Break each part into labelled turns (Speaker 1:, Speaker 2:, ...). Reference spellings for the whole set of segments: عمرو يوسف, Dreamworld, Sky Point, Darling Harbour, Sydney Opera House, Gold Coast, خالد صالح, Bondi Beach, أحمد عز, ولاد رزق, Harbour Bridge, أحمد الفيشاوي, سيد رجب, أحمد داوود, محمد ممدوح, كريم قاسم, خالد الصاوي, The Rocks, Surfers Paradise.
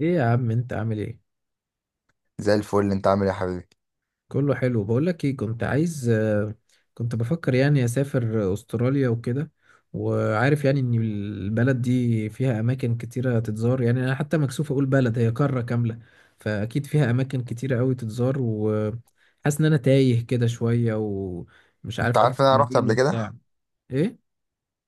Speaker 1: ايه يا عم، انت عامل ايه؟
Speaker 2: زي الفل، انت عامل ايه يا حبيبي؟
Speaker 1: كله حلو. بقولك ايه، كنت عايز كنت بفكر يعني اسافر استراليا وكده. وعارف يعني ان البلد دي فيها اماكن كتيرة تتزار، يعني انا حتى مكسوف اقول بلد، هي قارة كاملة. فاكيد فيها اماكن كتيرة قوي تتزار، وحاسس ان انا تايه كده شوية ومش
Speaker 2: انت
Speaker 1: عارف ابدا
Speaker 2: عارف ان انا رحت
Speaker 1: منين
Speaker 2: قبل
Speaker 1: وبتاع
Speaker 2: كده؟
Speaker 1: ايه.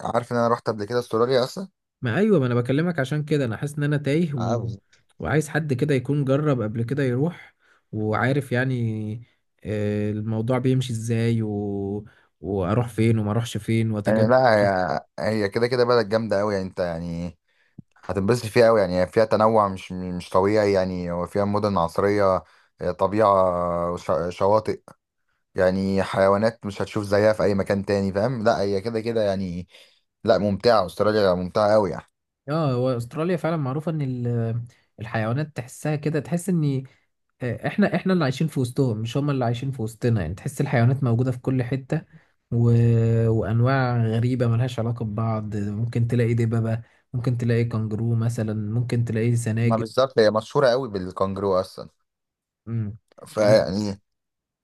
Speaker 2: عارف ان انا رحت قبل كده استراليا اصلا؟
Speaker 1: ما ايوه، ما انا بكلمك عشان كده، انا حاسس ان انا تايه
Speaker 2: عاوز.
Speaker 1: وعايز حد كده يكون جرب قبل كده يروح وعارف يعني الموضوع بيمشي ازاي، واروح فين وما اروحش فين
Speaker 2: يعني
Speaker 1: واتجنب.
Speaker 2: لا، هي هي كده كده بلد جامده قوي، يعني انت يعني هتنبسط فيها قوي. يعني هي فيها تنوع مش طبيعي. يعني هو فيها مدن عصريه، اه، طبيعه، شواطئ. يعني حيوانات مش هتشوف زيها في اي مكان تاني، فاهم؟ لا هي كده كده يعني. لا ممتعه، استراليا ممتعه قوي يعني.
Speaker 1: اه، هو استراليا فعلا معروفة ان الحيوانات تحسها كده، تحس ان احنا اللي عايشين في وسطهم، مش هم اللي عايشين في وسطنا. يعني تحس الحيوانات موجودة في كل حتة، و... وانواع غريبة ملهاش علاقة ببعض. ممكن تلاقي دببة، ممكن تلاقي كنجرو مثلا، ممكن تلاقي
Speaker 2: ما
Speaker 1: سناجب.
Speaker 2: بالظبط، هي مشهوره قوي بالكانجرو اصلا.
Speaker 1: امم طب
Speaker 2: فيعني،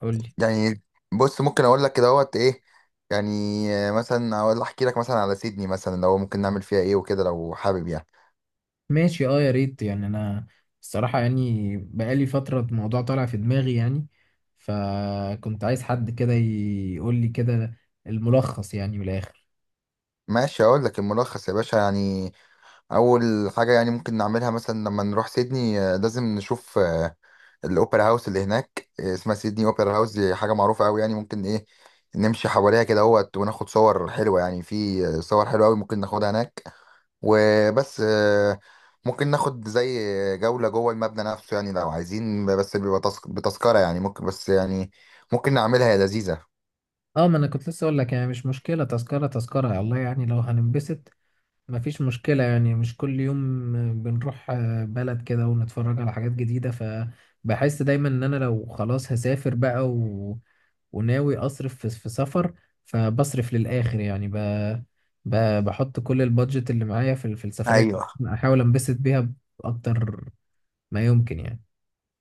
Speaker 1: قول لي.
Speaker 2: يعني بص، ممكن اقول لك كده اهوت ايه. يعني مثلا اقول، احكي لك مثلا على سيدني، مثلا لو ممكن نعمل فيها ايه وكده لو حابب يعني.
Speaker 1: ماشي، اه يا ريت يعني. انا الصراحة يعني بقالي فترة الموضوع طالع في دماغي يعني، فكنت عايز حد كده يقول لي كده الملخص يعني من الاخر.
Speaker 2: ماشي، اقول لك الملخص يا باشا يعني. اول حاجه يعني ممكن نعملها مثلا لما نروح سيدني، لازم نشوف الاوبرا هاوس اللي هناك. اسمها سيدني اوبرا هاوس، دي حاجه معروفه قوي يعني. ممكن ايه نمشي حواليها كده اهوت، وناخد صور حلوه، يعني في صور حلوه قوي ممكن ناخدها هناك. وبس. ممكن ناخد زي جولة جوه المبنى نفسه، يعني لو عايزين، بس بيبقى بتذكرة يعني. ممكن بس يعني ممكن نعملها يا لذيذة.
Speaker 1: اه، ما انا كنت لسه اقول لك يعني مش مشكلة تذكرة، تذكرة الله يعني لو هننبسط مفيش مشكلة. يعني مش كل يوم بنروح بلد كده ونتفرج على حاجات جديدة. فبحس دايما ان انا لو خلاص هسافر بقى وناوي اصرف في سفر، فبصرف للآخر يعني ب... بحط كل البادجت اللي معايا في السفرية،
Speaker 2: ايوه،
Speaker 1: احاول انبسط بيها بأكتر ما يمكن يعني.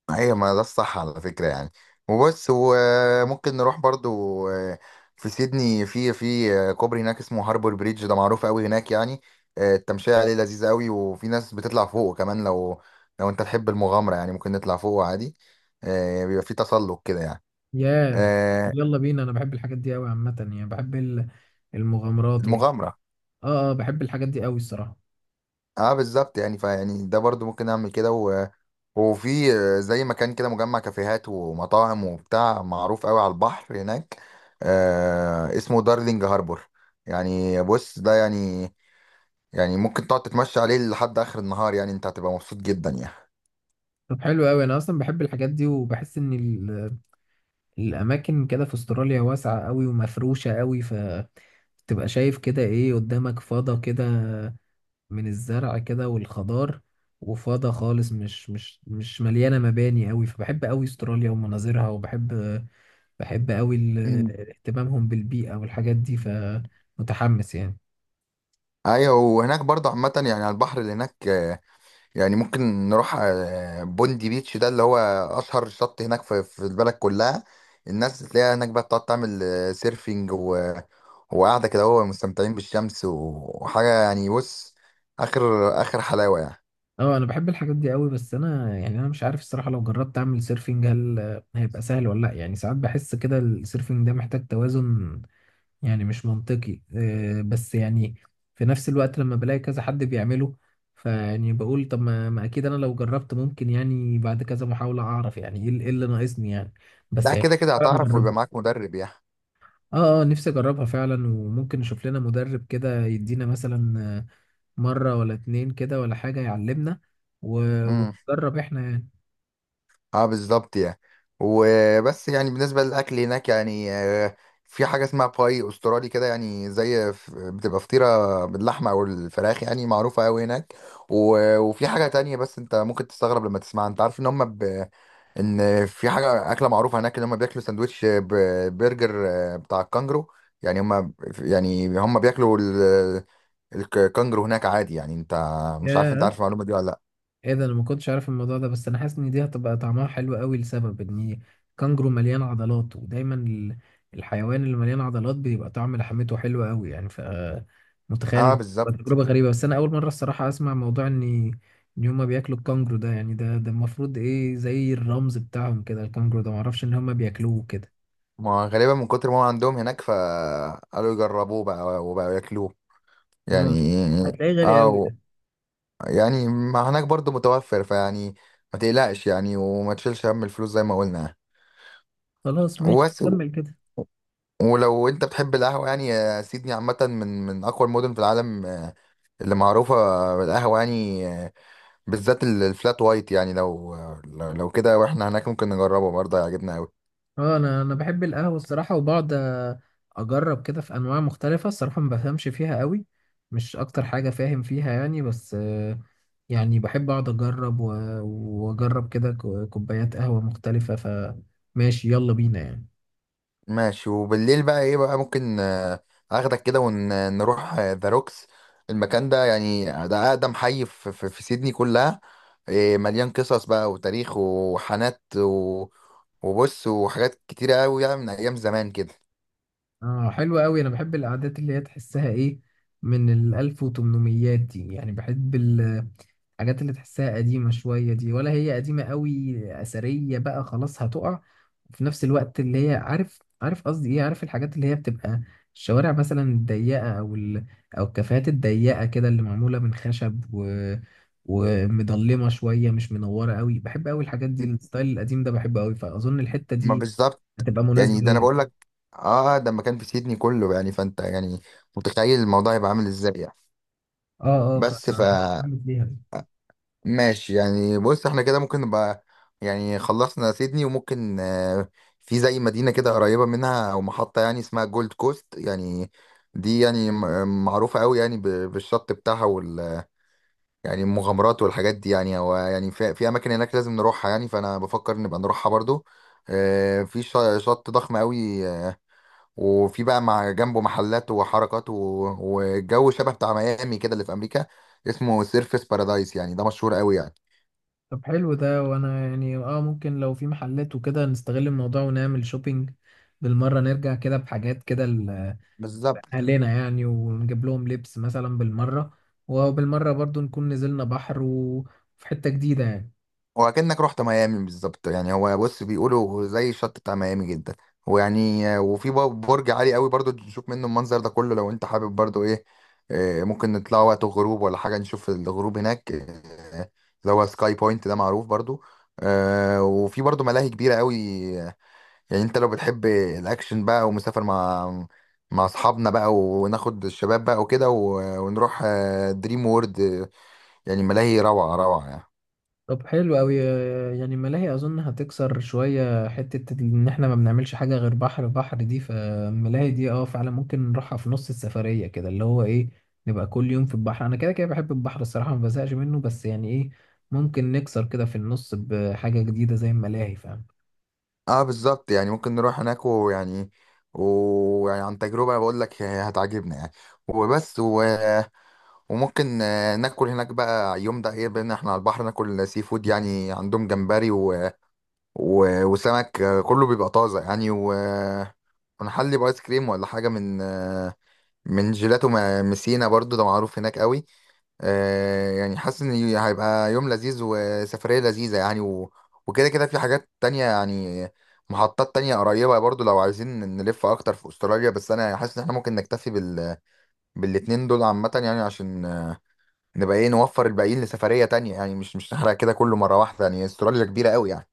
Speaker 2: ايوه، ما ده الصح على فكرة يعني. وبس. وممكن نروح برضو في سيدني، في كوبري هناك اسمه هاربور بريدج، ده معروف قوي هناك يعني. التمشية عليه لذيذة قوي. وفي ناس بتطلع فوقه كمان، لو انت تحب المغامرة، يعني ممكن نطلع فوقه عادي. بيبقى في تسلق كده يعني.
Speaker 1: يا
Speaker 2: آه،
Speaker 1: يلا بينا، انا بحب الحاجات دي قوي عامة. يعني بحب المغامرات
Speaker 2: المغامرة.
Speaker 1: اه اه، بحب الحاجات دي قوي الصراحة.
Speaker 2: اه بالظبط يعني، فيعني ده برضو ممكن اعمل كده و. وفي زي مكان كده مجمع كافيهات ومطاعم وبتاع، معروف قوي على البحر هناك، اسمه دارلينج هاربور. يعني بص، ده يعني، يعني ممكن تقعد تتمشى عليه لحد اخر النهار. يعني انت هتبقى مبسوط جدا يعني.
Speaker 1: طب حلو قوي، انا اصلا بحب الحاجات دي، وبحس ان الاماكن كده في استراليا واسعه قوي ومفروشه قوي، فتبقى شايف كده ايه قدامك فضا كده، من الزرع كده والخضار، وفضا خالص مش مليانه مباني قوي. فبحب قوي استراليا ومناظرها، وبحب، بحب قوي
Speaker 2: مم.
Speaker 1: اهتمامهم بالبيئه والحاجات دي، فمتحمس يعني.
Speaker 2: ايوه، وهناك برضه عامة يعني على البحر اللي هناك، يعني ممكن نروح بوندي بيتش، ده اللي هو اشهر شط هناك في البلد كلها. الناس تلاقيها هناك بقى بتقعد تعمل سيرفينج و- وقاعده كده، هو مستمتعين بالشمس وحاجه. يعني بص، اخر اخر حلاوه يعني.
Speaker 1: اه، انا بحب الحاجات دي قوي، بس انا يعني انا مش عارف الصراحه لو جربت اعمل سيرفنج هل هيبقى سهل ولا لا. يعني ساعات بحس كده السيرفنج ده محتاج توازن يعني، مش منطقي، بس يعني في نفس الوقت لما بلاقي كذا حد بيعمله فيعني بقول طب ما اكيد انا لو جربت ممكن يعني بعد كذا محاولة اعرف يعني ايه اللي، إيه اللي ناقصني يعني. بس
Speaker 2: لا
Speaker 1: يعني
Speaker 2: كده كده
Speaker 1: انا
Speaker 2: هتعرف، ويبقى
Speaker 1: اجربه.
Speaker 2: معاك مدرب
Speaker 1: اه اه، نفسي اجربها فعلا، وممكن نشوف لنا مدرب كده يدينا مثلا مرة ولا اتنين كده ولا حاجة يعلمنا
Speaker 2: يعني.
Speaker 1: ونجرب احنا يعني.
Speaker 2: اه بالظبط يعني. وبس يعني، بالنسبة للأكل هناك يعني في حاجة اسمها باي أسترالي كده، يعني زي بتبقى فطيرة باللحمة أو الفراخ، يعني معروفة أوي هناك. وفي حاجة تانية، بس أنت ممكن تستغرب لما تسمعها. أنت عارف إن هما إن في حاجة أكلة معروفة هناك، إن هما بياكلوا سندوتش برجر بتاع الكانجرو. يعني هما، يعني هما بياكلوا الكانجرو هناك عادي يعني. أنت مش عارف، أنت
Speaker 1: ياه،
Speaker 2: عارف المعلومة دي ولا لأ؟
Speaker 1: ايه ده! انا ما كنتش عارف الموضوع ده، بس انا حاسس ان دي هتبقى طعمها حلو قوي لسبب ان كانجرو مليان عضلات، ودايما الحيوان اللي مليان عضلات بيبقى طعم لحمته حلو قوي يعني. ف متخيل
Speaker 2: اه
Speaker 1: إن تبقى
Speaker 2: بالظبط.
Speaker 1: تجربة غريبة، بس انا اول مرة الصراحة اسمع موضوع ان ان هما بياكلوا الكانجرو ده. يعني ده المفروض ايه زي الرمز بتاعهم كده، الكانجرو ده، معرفش ان هما بياكلوه كده.
Speaker 2: ما غالبا من كتر ما هو عندهم هناك، فقالوا يجربوه بقى وبقوا ياكلوه
Speaker 1: اه،
Speaker 2: يعني.
Speaker 1: هتلاقيه غالي قوي
Speaker 2: او
Speaker 1: ده.
Speaker 2: يعني، ما هناك برضو متوفر. فيعني ما تقلقش يعني، وما تشيلش هم الفلوس زي ما قلنا.
Speaker 1: خلاص ماشي،
Speaker 2: وبس.
Speaker 1: كمل كده.
Speaker 2: ولو انت بتحب القهوة يعني سيدني عامة من أقوى المدن في العالم، اللي معروفة بالقهوة يعني، بالذات الفلات وايت. يعني لو كده واحنا هناك ممكن نجربه برضه، هيعجبنا أوي.
Speaker 1: اه، انا بحب القهوه الصراحه، وبقعد اجرب كده في انواع مختلفه. الصراحه ما بفهمش فيها قوي، مش اكتر حاجه فاهم فيها يعني، بس يعني بحب اقعد اجرب واجرب كده كوبايات قهوه مختلفه. فماشي، يلا بينا يعني.
Speaker 2: ماشي. وبالليل بقى ايه بقى، ممكن اخدك كده ونروح ذا روكس. المكان ده يعني ده اقدم حي في سيدني كلها. إيه، مليان قصص بقى وتاريخ وحانات وبص، وحاجات كتيرة قوي يعني من ايام زمان كده.
Speaker 1: اه حلو قوي، انا بحب القعدات اللي هي تحسها ايه، من ال 1800 دي يعني. بحب الحاجات اللي تحسها قديمة شوية دي، ولا هي قديمة قوي أثرية بقى، خلاص هتقع. وفي نفس الوقت اللي هي، عارف، عارف قصدي إيه، عارف الحاجات اللي هي بتبقى الشوارع مثلا الضيقة، أو أو الكافيهات الضيقة كده اللي معمولة من خشب ومضلمة شوية، مش منورة قوي. بحب قوي الحاجات دي، الستايل القديم ده بحبه قوي، فأظن الحتة
Speaker 2: ما
Speaker 1: دي
Speaker 2: بالظبط
Speaker 1: هتبقى مناسبة
Speaker 2: يعني، ده انا
Speaker 1: ليا.
Speaker 2: بقول لك. اه ده مكان في سيدني كله يعني. فانت يعني متخيل الموضوع هيبقى عامل ازاي يعني.
Speaker 1: اه اه،
Speaker 2: بس
Speaker 1: هعمل فيها.
Speaker 2: ماشي يعني. بص احنا كده ممكن نبقى، يعني خلصنا سيدني. وممكن في زي مدينة كده قريبة منها او محطة، يعني اسمها جولد كوست يعني. دي يعني معروفة قوي يعني بالشط بتاعها وال. يعني المغامرات والحاجات دي، يعني هو يعني في اماكن هناك لازم نروحها يعني، فانا بفكر نبقى نروحها برضو. في شط ضخم قوي. وفي بقى مع جنبه محلات وحركات والجو شبه بتاع ميامي كده اللي في امريكا، اسمه سيرفس بارادايس، يعني ده مشهور قوي يعني.
Speaker 1: طب حلو ده، وانا يعني اه ممكن لو في محلات وكده نستغل الموضوع ونعمل شوبينج بالمرة، نرجع كده بحاجات كده
Speaker 2: بالظبط.
Speaker 1: لأهلنا يعني، ونجيب لهم لبس مثلا بالمرة، وبالمرة برضو نكون نزلنا بحر، وفي حتة جديدة يعني.
Speaker 2: وكأنك رحت ميامي بالظبط يعني. هو بص بيقولوا زي الشط بتاع ميامي جدا. ويعني وفي برج عالي قوي برضو، نشوف منه المنظر ده كله لو انت حابب برضو ايه. ممكن نطلع وقت الغروب ولا حاجة نشوف الغروب هناك. اللي هو سكاي بوينت، ده معروف برضو. وفي برضو ملاهي كبيرة قوي. يعني انت لو بتحب الاكشن بقى، ومسافر مع اصحابنا بقى، وناخد الشباب بقى وكده ونروح دريم وورد. يعني ملاهي روعة روعة يعني.
Speaker 1: طب حلو قوي. يعني ملاهي اظن هتكسر شويه حته ان احنا ما بنعملش حاجه غير بحر بحر دي. فالملاهي دي اه فعلا ممكن نروحها في نص السفريه كده، اللي هو ايه، نبقى كل يوم في البحر. انا كده كده بحب البحر الصراحه، ما بزهقش منه، بس يعني ايه، ممكن نكسر كده في النص بحاجه جديده زي الملاهي، فاهم.
Speaker 2: اه بالظبط يعني، ممكن نروح هناك ويعني، ويعني عن تجربة بقول لك هتعجبنا يعني. وبس و. وممكن ناكل هناك بقى يوم ده ايه، بان احنا على البحر ناكل سي فود. يعني عندهم جمبري و. و. وسمك كله بيبقى طازة يعني و. ونحلي بايس كريم ولا حاجة من من جيلاتو مسينا، برضو ده معروف هناك قوي. يعني حاسس ان هيبقى يوم لذيذ وسفرية لذيذة يعني و. وكده كده في حاجات تانية يعني، محطات تانية قريبة برضو لو عايزين نلف اكتر في استراليا. بس انا حاسس ان احنا ممكن نكتفي بالاتنين دول عامة يعني، عشان نبقى ايه نوفر الباقيين لسفرية تانية يعني. مش نحرق كده كله مرة واحدة يعني، استراليا كبيرة قوي يعني.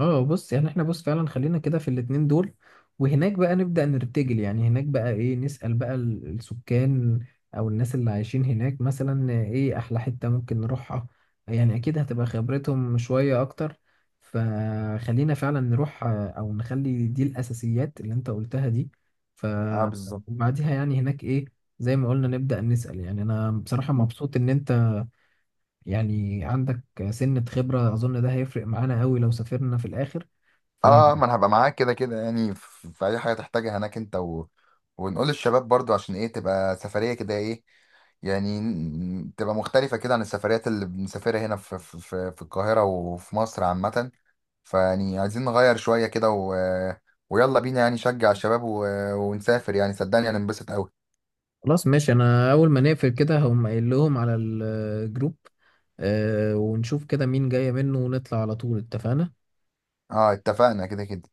Speaker 1: اه بص، يعني احنا بص فعلا خلينا كده في الاتنين دول، وهناك بقى نبدأ نرتجل. يعني هناك بقى ايه، نسأل بقى السكان او الناس اللي عايشين هناك مثلا ايه احلى حتة ممكن نروحها، يعني اكيد هتبقى خبرتهم شوية اكتر. فخلينا فعلا نروح او نخلي دي الاساسيات اللي انت قلتها دي. ف
Speaker 2: اه بالظبط.
Speaker 1: وبعديها يعني هناك ايه، زي ما قلنا نبدأ نسأل. يعني انا بصراحة مبسوط ان انت يعني عندك سنة خبرة، أظن ده هيفرق معانا قوي لو سافرنا في الآخر. فخلاص
Speaker 2: اه ما انا هبقى معاك كده كده، يعني في اي حاجة تحتاجها هناك انت و. ونقول للشباب برضو عشان ايه تبقى سفرية كده ايه، يعني تبقى مختلفة كده عن السفريات اللي بنسافرها هنا في القاهرة وفي مصر عامة. فيعني عايزين نغير شوية كده و. ويلا بينا يعني نشجع الشباب و. ونسافر يعني صدقني هننبسط أوي.
Speaker 1: ماشي. أنا أول ما نقفل كده هقوم قايل لهم على الجروب، ونشوف كده مين جاية منه ونطلع على طول. اتفقنا.
Speaker 2: اه اتفقنا كده كده.